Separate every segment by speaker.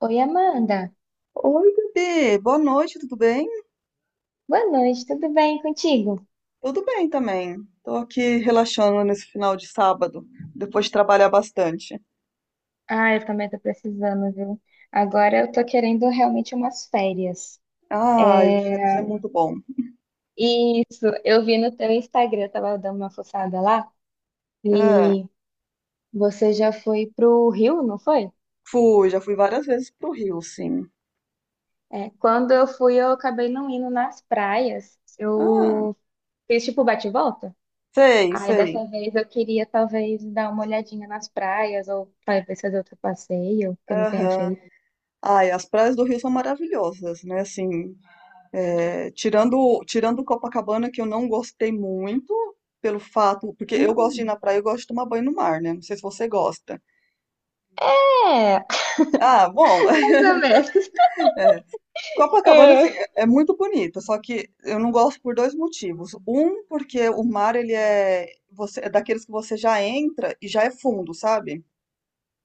Speaker 1: Oi, Amanda.
Speaker 2: Oi, Gabi, boa noite, tudo bem?
Speaker 1: Boa noite, tudo bem contigo?
Speaker 2: Tudo bem também. Tô aqui relaxando nesse final de sábado, depois de trabalhar bastante.
Speaker 1: Ah, eu também tô precisando, viu? Agora eu tô querendo realmente umas férias.
Speaker 2: Ai, férias é
Speaker 1: É...
Speaker 2: muito bom.
Speaker 1: Isso, eu vi no teu Instagram, eu tava dando uma fuçada lá,
Speaker 2: É,
Speaker 1: e você já foi pro Rio, não foi?
Speaker 2: fui, já fui várias vezes pro Rio, sim.
Speaker 1: É, quando eu fui, eu acabei não indo nas praias.
Speaker 2: Ah,
Speaker 1: Eu fiz tipo bate-volta. E volta.
Speaker 2: sei,
Speaker 1: Aí
Speaker 2: sei.
Speaker 1: dessa vez eu queria talvez dar uma olhadinha nas praias, ou talvez fazer outro passeio que eu não tenha
Speaker 2: Aham.
Speaker 1: feito.
Speaker 2: Ai, as praias do Rio são maravilhosas, né? Assim, tirando Copacabana, que eu não gostei muito, pelo fato, porque eu gosto de ir na
Speaker 1: Hum.
Speaker 2: praia, eu gosto de tomar banho no mar, né? Não sei se você gosta.
Speaker 1: É,
Speaker 2: Ah, bom,
Speaker 1: mais ou menos.
Speaker 2: Copacabana, assim,
Speaker 1: É.
Speaker 2: é muito bonita, só que eu não gosto por dois motivos. Um, porque o mar, você, é daqueles que você já entra e já é fundo, sabe?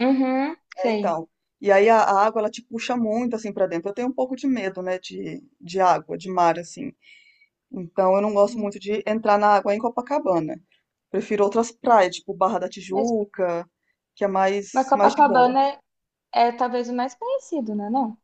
Speaker 1: Uhum,
Speaker 2: É,
Speaker 1: sei.
Speaker 2: então. E aí a água, ela te puxa muito, assim, pra dentro. Eu tenho um pouco de medo, né, de água, de mar, assim. Então, eu não gosto muito de entrar na água em Copacabana. Prefiro outras praias, tipo Barra da
Speaker 1: Mas,
Speaker 2: Tijuca, que é
Speaker 1: mas
Speaker 2: mais de boa.
Speaker 1: Copacabana é, é talvez o mais conhecido, né? Não?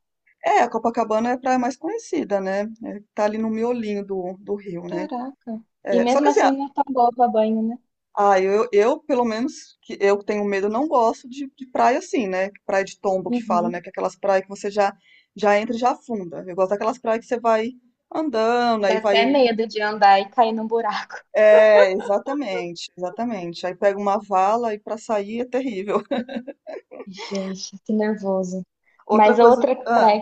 Speaker 2: É, a Copacabana é a praia mais conhecida, né? É, tá ali no miolinho do Rio, né?
Speaker 1: Caraca. E
Speaker 2: É, só
Speaker 1: mesmo
Speaker 2: que assim,
Speaker 1: assim não é tão boa pra banho, né?
Speaker 2: ah, eu, pelo menos, que eu que tenho medo, não gosto de praia assim, né? Praia de tombo que fala, né?
Speaker 1: Uhum.
Speaker 2: Que é aquelas praias que você já entra e já afunda. Eu gosto daquelas praias que você vai andando,
Speaker 1: Dá
Speaker 2: aí
Speaker 1: até
Speaker 2: vai.
Speaker 1: medo de andar e cair num buraco.
Speaker 2: É, exatamente, exatamente. Aí pega uma vala e pra sair é terrível.
Speaker 1: Gente, que nervoso.
Speaker 2: Outra
Speaker 1: Mas
Speaker 2: coisa.
Speaker 1: outra
Speaker 2: Ah.
Speaker 1: praia,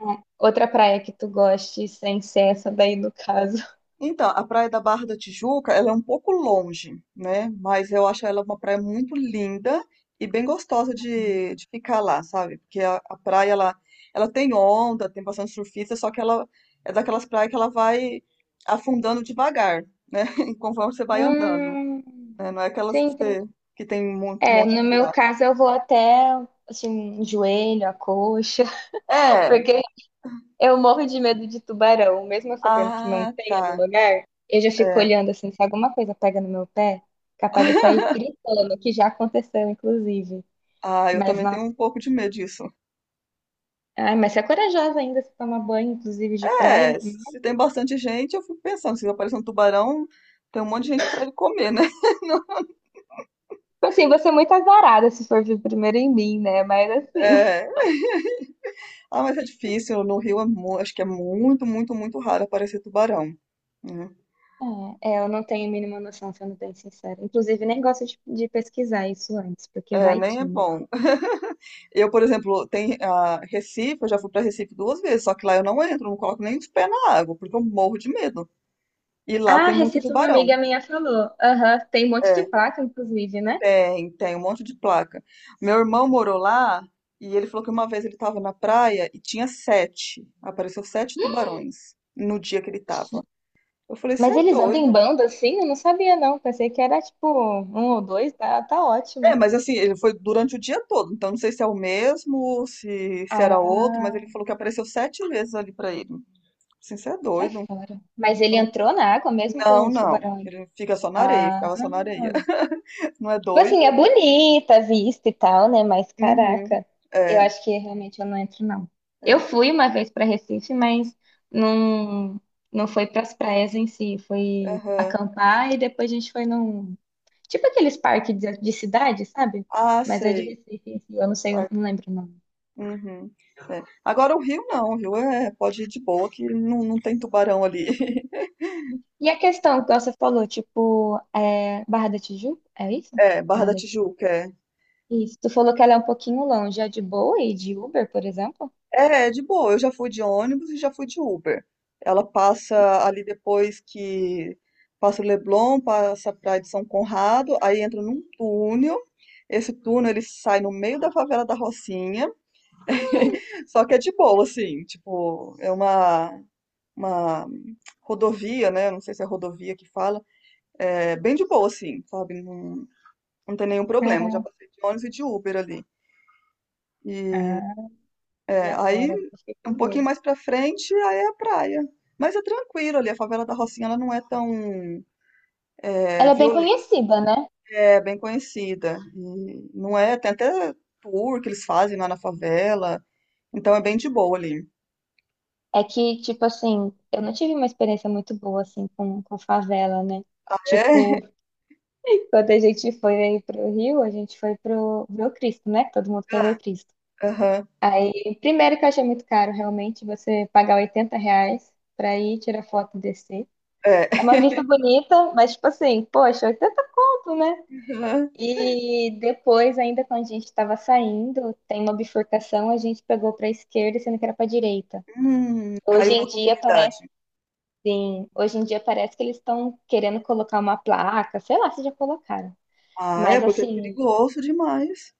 Speaker 1: é, outra praia que tu goste, sem ser essa daí no caso.
Speaker 2: Então, a Praia da Barra da Tijuca, ela é um pouco longe, né? Mas eu acho ela uma praia muito linda e bem gostosa de ficar lá, sabe? Porque a praia, ela tem onda, tem bastante surfista, só que ela é daquelas praias que ela vai afundando devagar, né? Conforme você vai andando,
Speaker 1: Hum,
Speaker 2: né? Não é
Speaker 1: sim,
Speaker 2: aquelas que
Speaker 1: entendi.
Speaker 2: você, que tem um
Speaker 1: É,
Speaker 2: monte de
Speaker 1: no meu
Speaker 2: buraco.
Speaker 1: caso eu vou até assim, joelho, a coxa,
Speaker 2: É,
Speaker 1: porque eu morro de medo de tubarão, mesmo eu sabendo que não
Speaker 2: ah,
Speaker 1: pega no
Speaker 2: tá,
Speaker 1: lugar, eu já fico
Speaker 2: é.
Speaker 1: olhando assim, se alguma coisa pega no meu pé, capaz de eu sair gritando, que já aconteceu, inclusive.
Speaker 2: Ah, eu
Speaker 1: Mas,
Speaker 2: também tenho
Speaker 1: nossa,
Speaker 2: um pouco de medo disso.
Speaker 1: ai, mas você é corajosa ainda, se toma banho, inclusive, de praia.
Speaker 2: É,
Speaker 1: Tipo
Speaker 2: se tem bastante gente, eu fico pensando, se aparecer um tubarão, tem um monte de gente para ele comer, né?
Speaker 1: assim, você é muito azarada se for vir primeiro em mim, né? Mas assim.
Speaker 2: É. Ah, mas é difícil, no Rio é acho que é muito, muito, muito raro aparecer tubarão. Né?
Speaker 1: É, é, eu não tenho a mínima noção, sendo bem sincera. Inclusive, nem gosto de pesquisar isso antes, porque
Speaker 2: É,
Speaker 1: vai
Speaker 2: nem
Speaker 1: que,
Speaker 2: é
Speaker 1: né?
Speaker 2: bom. Eu, por exemplo, tem a Recife, eu já fui para Recife duas vezes, só que lá eu não entro, não coloco nem os pés na água, porque eu morro de medo. E lá
Speaker 1: Ah,
Speaker 2: tem muito
Speaker 1: Recife, uma
Speaker 2: tubarão.
Speaker 1: amiga minha falou. Aham, tem um monte de
Speaker 2: É,
Speaker 1: placa, inclusive, né?
Speaker 2: tem um monte de placa. Meu irmão morou lá e ele falou que uma vez ele estava na praia e tinha sete. Apareceu sete tubarões no dia que ele estava. Eu falei, você
Speaker 1: Mas
Speaker 2: é
Speaker 1: eles andam em
Speaker 2: doido.
Speaker 1: banda assim? Eu não sabia, não. Pensei que era tipo um ou dois, tá, tá ótimo.
Speaker 2: É, mas assim, ele foi durante o dia todo, então não sei se é o mesmo, se era outro, mas
Speaker 1: Ah,
Speaker 2: ele falou que apareceu sete vezes ali pra ele. Assim, você é
Speaker 1: sai
Speaker 2: doido.
Speaker 1: fora. Mas
Speaker 2: Eu
Speaker 1: ele
Speaker 2: não,
Speaker 1: entrou na água mesmo com
Speaker 2: não,
Speaker 1: os
Speaker 2: não.
Speaker 1: tubarão ali?
Speaker 2: Ele fica só na areia,
Speaker 1: Ah,
Speaker 2: ficava só na areia. Não é
Speaker 1: tipo
Speaker 2: doido?
Speaker 1: assim, é bonita a vista e tal, né? Mas
Speaker 2: Uhum.
Speaker 1: caraca, eu
Speaker 2: É,
Speaker 1: acho que realmente eu não entro, não. Eu
Speaker 2: é.
Speaker 1: fui uma vez pra Recife, mas não, não foi pras praias em si. Foi
Speaker 2: Aham.
Speaker 1: acampar e depois a gente foi num. Tipo aqueles parques de cidade, sabe?
Speaker 2: Ah,
Speaker 1: Mas é de
Speaker 2: sei.
Speaker 1: Recife, em si, eu não sei, eu não lembro o nome.
Speaker 2: Uhum. É. Agora o Rio não, o Rio é, pode ir de boa, que não, não tem tubarão ali.
Speaker 1: E a questão que você falou, tipo, é Barra da Tijuca? É isso?
Speaker 2: É, Barra
Speaker 1: Barra
Speaker 2: da
Speaker 1: da...
Speaker 2: Tijuca, é.
Speaker 1: Isso. Tu falou que ela é um pouquinho longe. É de boa e de Uber, por exemplo?
Speaker 2: É, é de boa, eu já fui de ônibus e já fui de Uber. Ela passa ali depois que passa o Leblon, passa a Praia de São Conrado, aí entra num túnel. Esse túnel ele sai no meio da favela da Rocinha, só que é de boa, assim, tipo, é uma rodovia, né? Não sei se é rodovia que fala, é bem de boa, assim, sabe? Não tem nenhum problema, eu já
Speaker 1: Caraca.
Speaker 2: passei de ônibus e de Uber ali. E
Speaker 1: Ah, e
Speaker 2: aí,
Speaker 1: agora? Fiquei com
Speaker 2: um pouquinho
Speaker 1: medo.
Speaker 2: mais pra frente, aí é a praia. Mas é tranquilo ali, a favela da Rocinha ela não é tão
Speaker 1: Ela é bem
Speaker 2: violenta,
Speaker 1: conhecida, né?
Speaker 2: é bem conhecida. E não é, tem até tour que eles fazem lá na favela, então é bem de boa ali.
Speaker 1: É que, tipo assim, eu não tive uma experiência muito boa, assim, com favela, né?
Speaker 2: É,
Speaker 1: Tipo, quando a gente foi aí pro Rio, a gente foi pro ver o Cristo, né? Que todo mundo quer ver o Cristo.
Speaker 2: aham,
Speaker 1: Aí, primeiro que eu achei muito caro, realmente, você pagar 80 reais pra ir tirar foto e descer.
Speaker 2: é.
Speaker 1: É uma vista bonita, mas tipo assim, poxa, 80 conto, né?
Speaker 2: Aham.
Speaker 1: E depois, ainda quando a gente estava saindo, tem uma bifurcação, a gente pegou para a esquerda, sendo que era para a direita. Hoje
Speaker 2: Caiu na
Speaker 1: em dia parece,
Speaker 2: comunidade.
Speaker 1: sim, hoje em dia parece que eles estão querendo colocar uma placa, sei lá se já colocaram.
Speaker 2: Ah, é,
Speaker 1: Mas
Speaker 2: porque é
Speaker 1: assim,
Speaker 2: perigoso demais.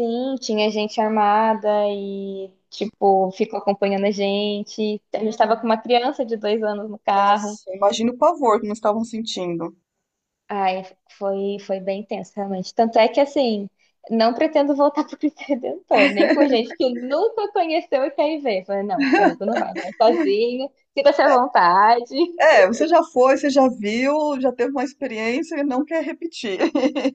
Speaker 1: sim, tinha gente armada e, tipo, ficou acompanhando a gente. A gente estava com
Speaker 2: Uhum.
Speaker 1: uma criança de 2 anos no carro.
Speaker 2: Nossa, imagina o pavor que nós estavam sentindo.
Speaker 1: Ai, foi, foi bem tenso, realmente. Tanto é que, assim, não pretendo voltar pro Cristo Redentor, nem com gente que nunca conheceu e quer ir ver. Falei, não, comigo não vai, vai sozinho, sinta-se à vontade.
Speaker 2: É, você já foi, você já viu, já teve uma experiência e não quer repetir.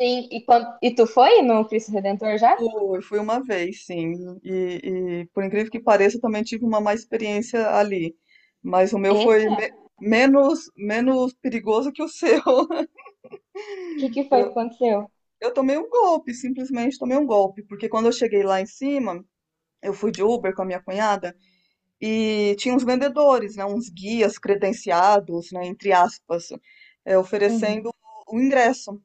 Speaker 1: Sim, e, quando, e tu foi no Cristo Redentor já?
Speaker 2: Fui, fui uma vez, sim. E, por incrível que pareça, eu também tive uma má experiência ali. Mas o meu foi
Speaker 1: Eita,
Speaker 2: menos, menos perigoso que o seu.
Speaker 1: o que que foi que
Speaker 2: Eu,
Speaker 1: aconteceu?
Speaker 2: eu tomei um golpe, simplesmente tomei um golpe. Porque quando eu cheguei lá em cima, eu fui de Uber com a minha cunhada e tinha uns vendedores, né, uns guias credenciados, né, entre aspas,
Speaker 1: Uhum.
Speaker 2: oferecendo o ingresso.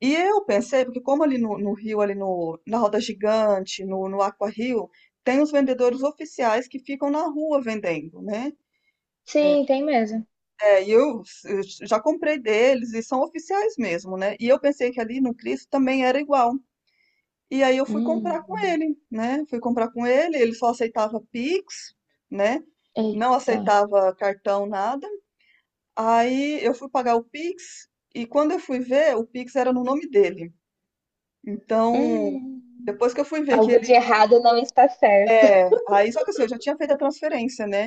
Speaker 2: E eu pensei, porque como ali no Rio, ali no, na Roda Gigante, no Aqua Rio, tem os vendedores oficiais que ficam na rua vendendo, né?
Speaker 1: Sim, tem mesmo.
Speaker 2: É, e eu já comprei deles e são oficiais mesmo, né? E eu pensei que ali no Cristo também era igual. E aí eu fui
Speaker 1: Hum,
Speaker 2: comprar com ele, né? Fui comprar com ele, ele só aceitava Pix, né? Não
Speaker 1: eita.
Speaker 2: aceitava cartão, nada. Aí eu fui pagar o Pix e quando eu fui ver, o Pix era no nome dele. Então,
Speaker 1: Hum,
Speaker 2: depois que eu fui ver que
Speaker 1: algo de
Speaker 2: ele.
Speaker 1: errado não está certo.
Speaker 2: É, aí só que assim, eu já tinha feito a transferência, né?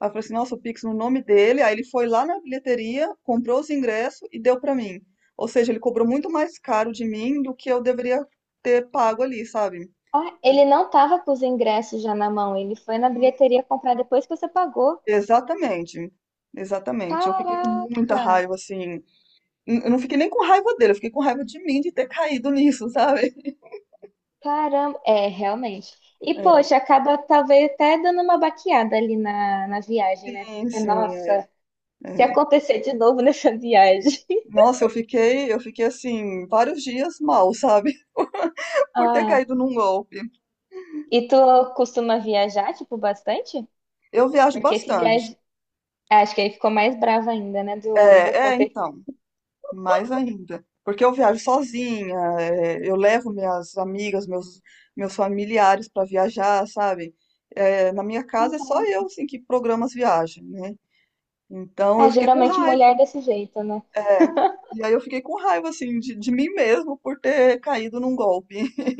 Speaker 2: Aí eu falei assim, nossa, o Pix no nome dele. Aí ele foi lá na bilheteria, comprou os ingressos e deu pra mim. Ou seja, ele cobrou muito mais caro de mim do que eu deveria ter pago ali, sabe?
Speaker 1: Ah, ele não tava com os ingressos já na mão, ele foi na bilheteria comprar depois que você pagou.
Speaker 2: Exatamente. Exatamente. Eu fiquei com muita
Speaker 1: Caraca!
Speaker 2: raiva, assim. Eu não fiquei nem com raiva dele, eu fiquei com raiva de mim de ter caído nisso, sabe?
Speaker 1: Caramba! É, realmente. E,
Speaker 2: É,
Speaker 1: poxa, acaba talvez até dando uma baqueada ali na, na viagem, né? Você
Speaker 2: sim,
Speaker 1: fica,
Speaker 2: sim.
Speaker 1: nossa, se
Speaker 2: É.
Speaker 1: acontecer de novo nessa viagem.
Speaker 2: Nossa, eu fiquei assim, vários dias mal, sabe? Por ter
Speaker 1: Ah,
Speaker 2: caído num golpe.
Speaker 1: e tu costuma viajar, tipo, bastante?
Speaker 2: Eu viajo
Speaker 1: Porque esse
Speaker 2: bastante.
Speaker 1: viagem. Acho que ele ficou mais bravo ainda, né? Do
Speaker 2: É, é,
Speaker 1: acontecer.
Speaker 2: então, mais ainda. Porque eu viajo sozinha, é, eu levo minhas amigas, meus familiares para viajar, sabe? É, na minha casa é só eu,
Speaker 1: Caraca.
Speaker 2: assim, que programa as viagens, né? Então eu
Speaker 1: Ah,
Speaker 2: fiquei com
Speaker 1: geralmente mulher
Speaker 2: raiva.
Speaker 1: desse jeito, né?
Speaker 2: É. E aí eu fiquei com raiva, assim, de mim mesmo por ter caído num golpe.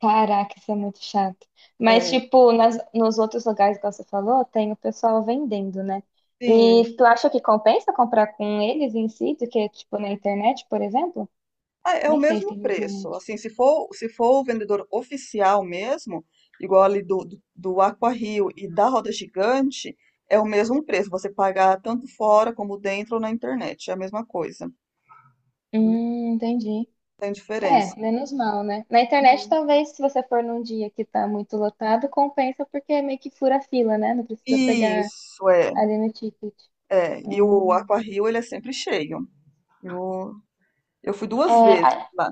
Speaker 1: Caraca, isso é muito chato. Mas,
Speaker 2: É,
Speaker 1: tipo, nos outros lugares, igual você falou, tem o pessoal vendendo, né?
Speaker 2: sim.
Speaker 1: E tu acha que compensa comprar com eles em si, do que, tipo, na internet, por exemplo?
Speaker 2: Ah, é o
Speaker 1: Nem sei se
Speaker 2: mesmo
Speaker 1: tem na
Speaker 2: preço.
Speaker 1: internet.
Speaker 2: Assim, se for o vendedor oficial mesmo, igual ali do Aqua Rio e da Roda Gigante, é o mesmo preço. Você pagar tanto fora como dentro ou na internet. É a mesma coisa. Não
Speaker 1: Entendi.
Speaker 2: tem diferença.
Speaker 1: É, menos mal, né? Na internet,
Speaker 2: Uhum.
Speaker 1: talvez, se você for num dia que tá muito lotado, compensa porque é meio que fura a fila, né? Não precisa pegar
Speaker 2: Isso, é.
Speaker 1: ali no ticket.
Speaker 2: É. E o
Speaker 1: Hum.
Speaker 2: Aqua Rio, ele é sempre cheio. Eu, eu fui duas vezes
Speaker 1: É,
Speaker 2: lá.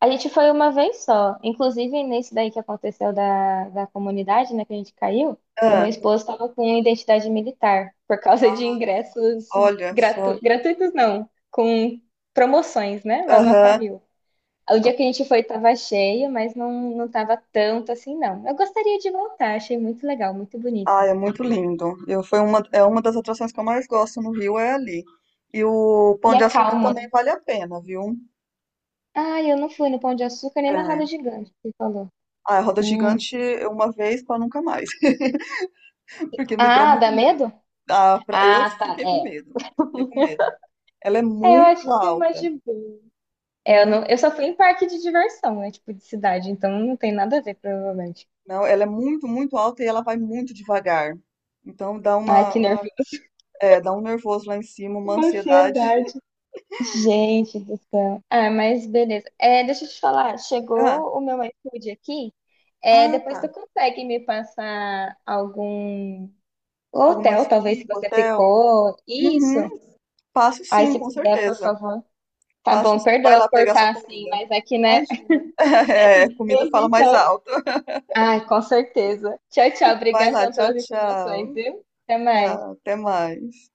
Speaker 1: a gente foi uma vez só. Inclusive, nesse daí que aconteceu da, da comunidade, né, que a gente caiu, o meu
Speaker 2: Ah,
Speaker 1: esposo estava com identidade militar, por causa de ingressos
Speaker 2: olha
Speaker 1: gratu...
Speaker 2: só.
Speaker 1: gratuitos, não, com promoções, né, lá no
Speaker 2: Aham.
Speaker 1: Aquário. O dia que a gente foi estava cheio, mas não, não tava tanto assim, não. Eu gostaria de voltar, achei muito legal, muito
Speaker 2: Ah,
Speaker 1: bonito.
Speaker 2: é muito lindo. Eu, foi uma, é uma das atrações que eu mais gosto no Rio, é ali. E o
Speaker 1: E
Speaker 2: Pão
Speaker 1: é
Speaker 2: de Açúcar
Speaker 1: calmo,
Speaker 2: também
Speaker 1: né?
Speaker 2: vale a pena, viu?
Speaker 1: Ah, eu não fui no Pão de Açúcar nem na Roda
Speaker 2: É.
Speaker 1: Gigante, que você falou.
Speaker 2: Ah, a roda
Speaker 1: Hum.
Speaker 2: gigante eu uma vez para nunca mais, porque me deu
Speaker 1: Ah,
Speaker 2: muito
Speaker 1: dá
Speaker 2: medo.
Speaker 1: medo?
Speaker 2: Ah, eu
Speaker 1: Ah, tá,
Speaker 2: fiquei com
Speaker 1: é.
Speaker 2: medo, fiquei com medo. Ela é
Speaker 1: É, eu
Speaker 2: muito
Speaker 1: acho que é mais
Speaker 2: alta,
Speaker 1: de boa. É, eu,
Speaker 2: muito,
Speaker 1: não, eu só fui em parque de diversão, né? Tipo, de cidade, então não tem nada a ver, provavelmente.
Speaker 2: não, ela é muito, muito alta e ela vai muito devagar. Então dá
Speaker 1: Ai, que
Speaker 2: uma,
Speaker 1: nervoso.
Speaker 2: dá um nervoso lá em cima, uma ansiedade.
Speaker 1: Ansiedade. Gente do céu. Ah, mas beleza. É, deixa eu te falar,
Speaker 2: Ah,
Speaker 1: chegou o meu iFood aqui. É,
Speaker 2: ah,
Speaker 1: depois
Speaker 2: tá.
Speaker 1: tu consegue me passar algum
Speaker 2: Algumas
Speaker 1: hotel, talvez, se
Speaker 2: dicas,
Speaker 1: você
Speaker 2: hotel.
Speaker 1: ficou. Isso.
Speaker 2: Uhum, passo
Speaker 1: Aí,
Speaker 2: sim,
Speaker 1: se
Speaker 2: com
Speaker 1: puder, por
Speaker 2: certeza.
Speaker 1: favor. Tá
Speaker 2: Passa,
Speaker 1: bom,
Speaker 2: vai
Speaker 1: perdoa
Speaker 2: lá pegar sua
Speaker 1: cortar assim,
Speaker 2: comida.
Speaker 1: mas aqui, né?
Speaker 2: Imagina. É, comida fala mais alto.
Speaker 1: Ai, com certeza. Tchau, tchau.
Speaker 2: Vai lá,
Speaker 1: Obrigadão
Speaker 2: tchau,
Speaker 1: pelas informações,
Speaker 2: tchau.
Speaker 1: viu? Até
Speaker 2: Tá,
Speaker 1: mais.
Speaker 2: até mais.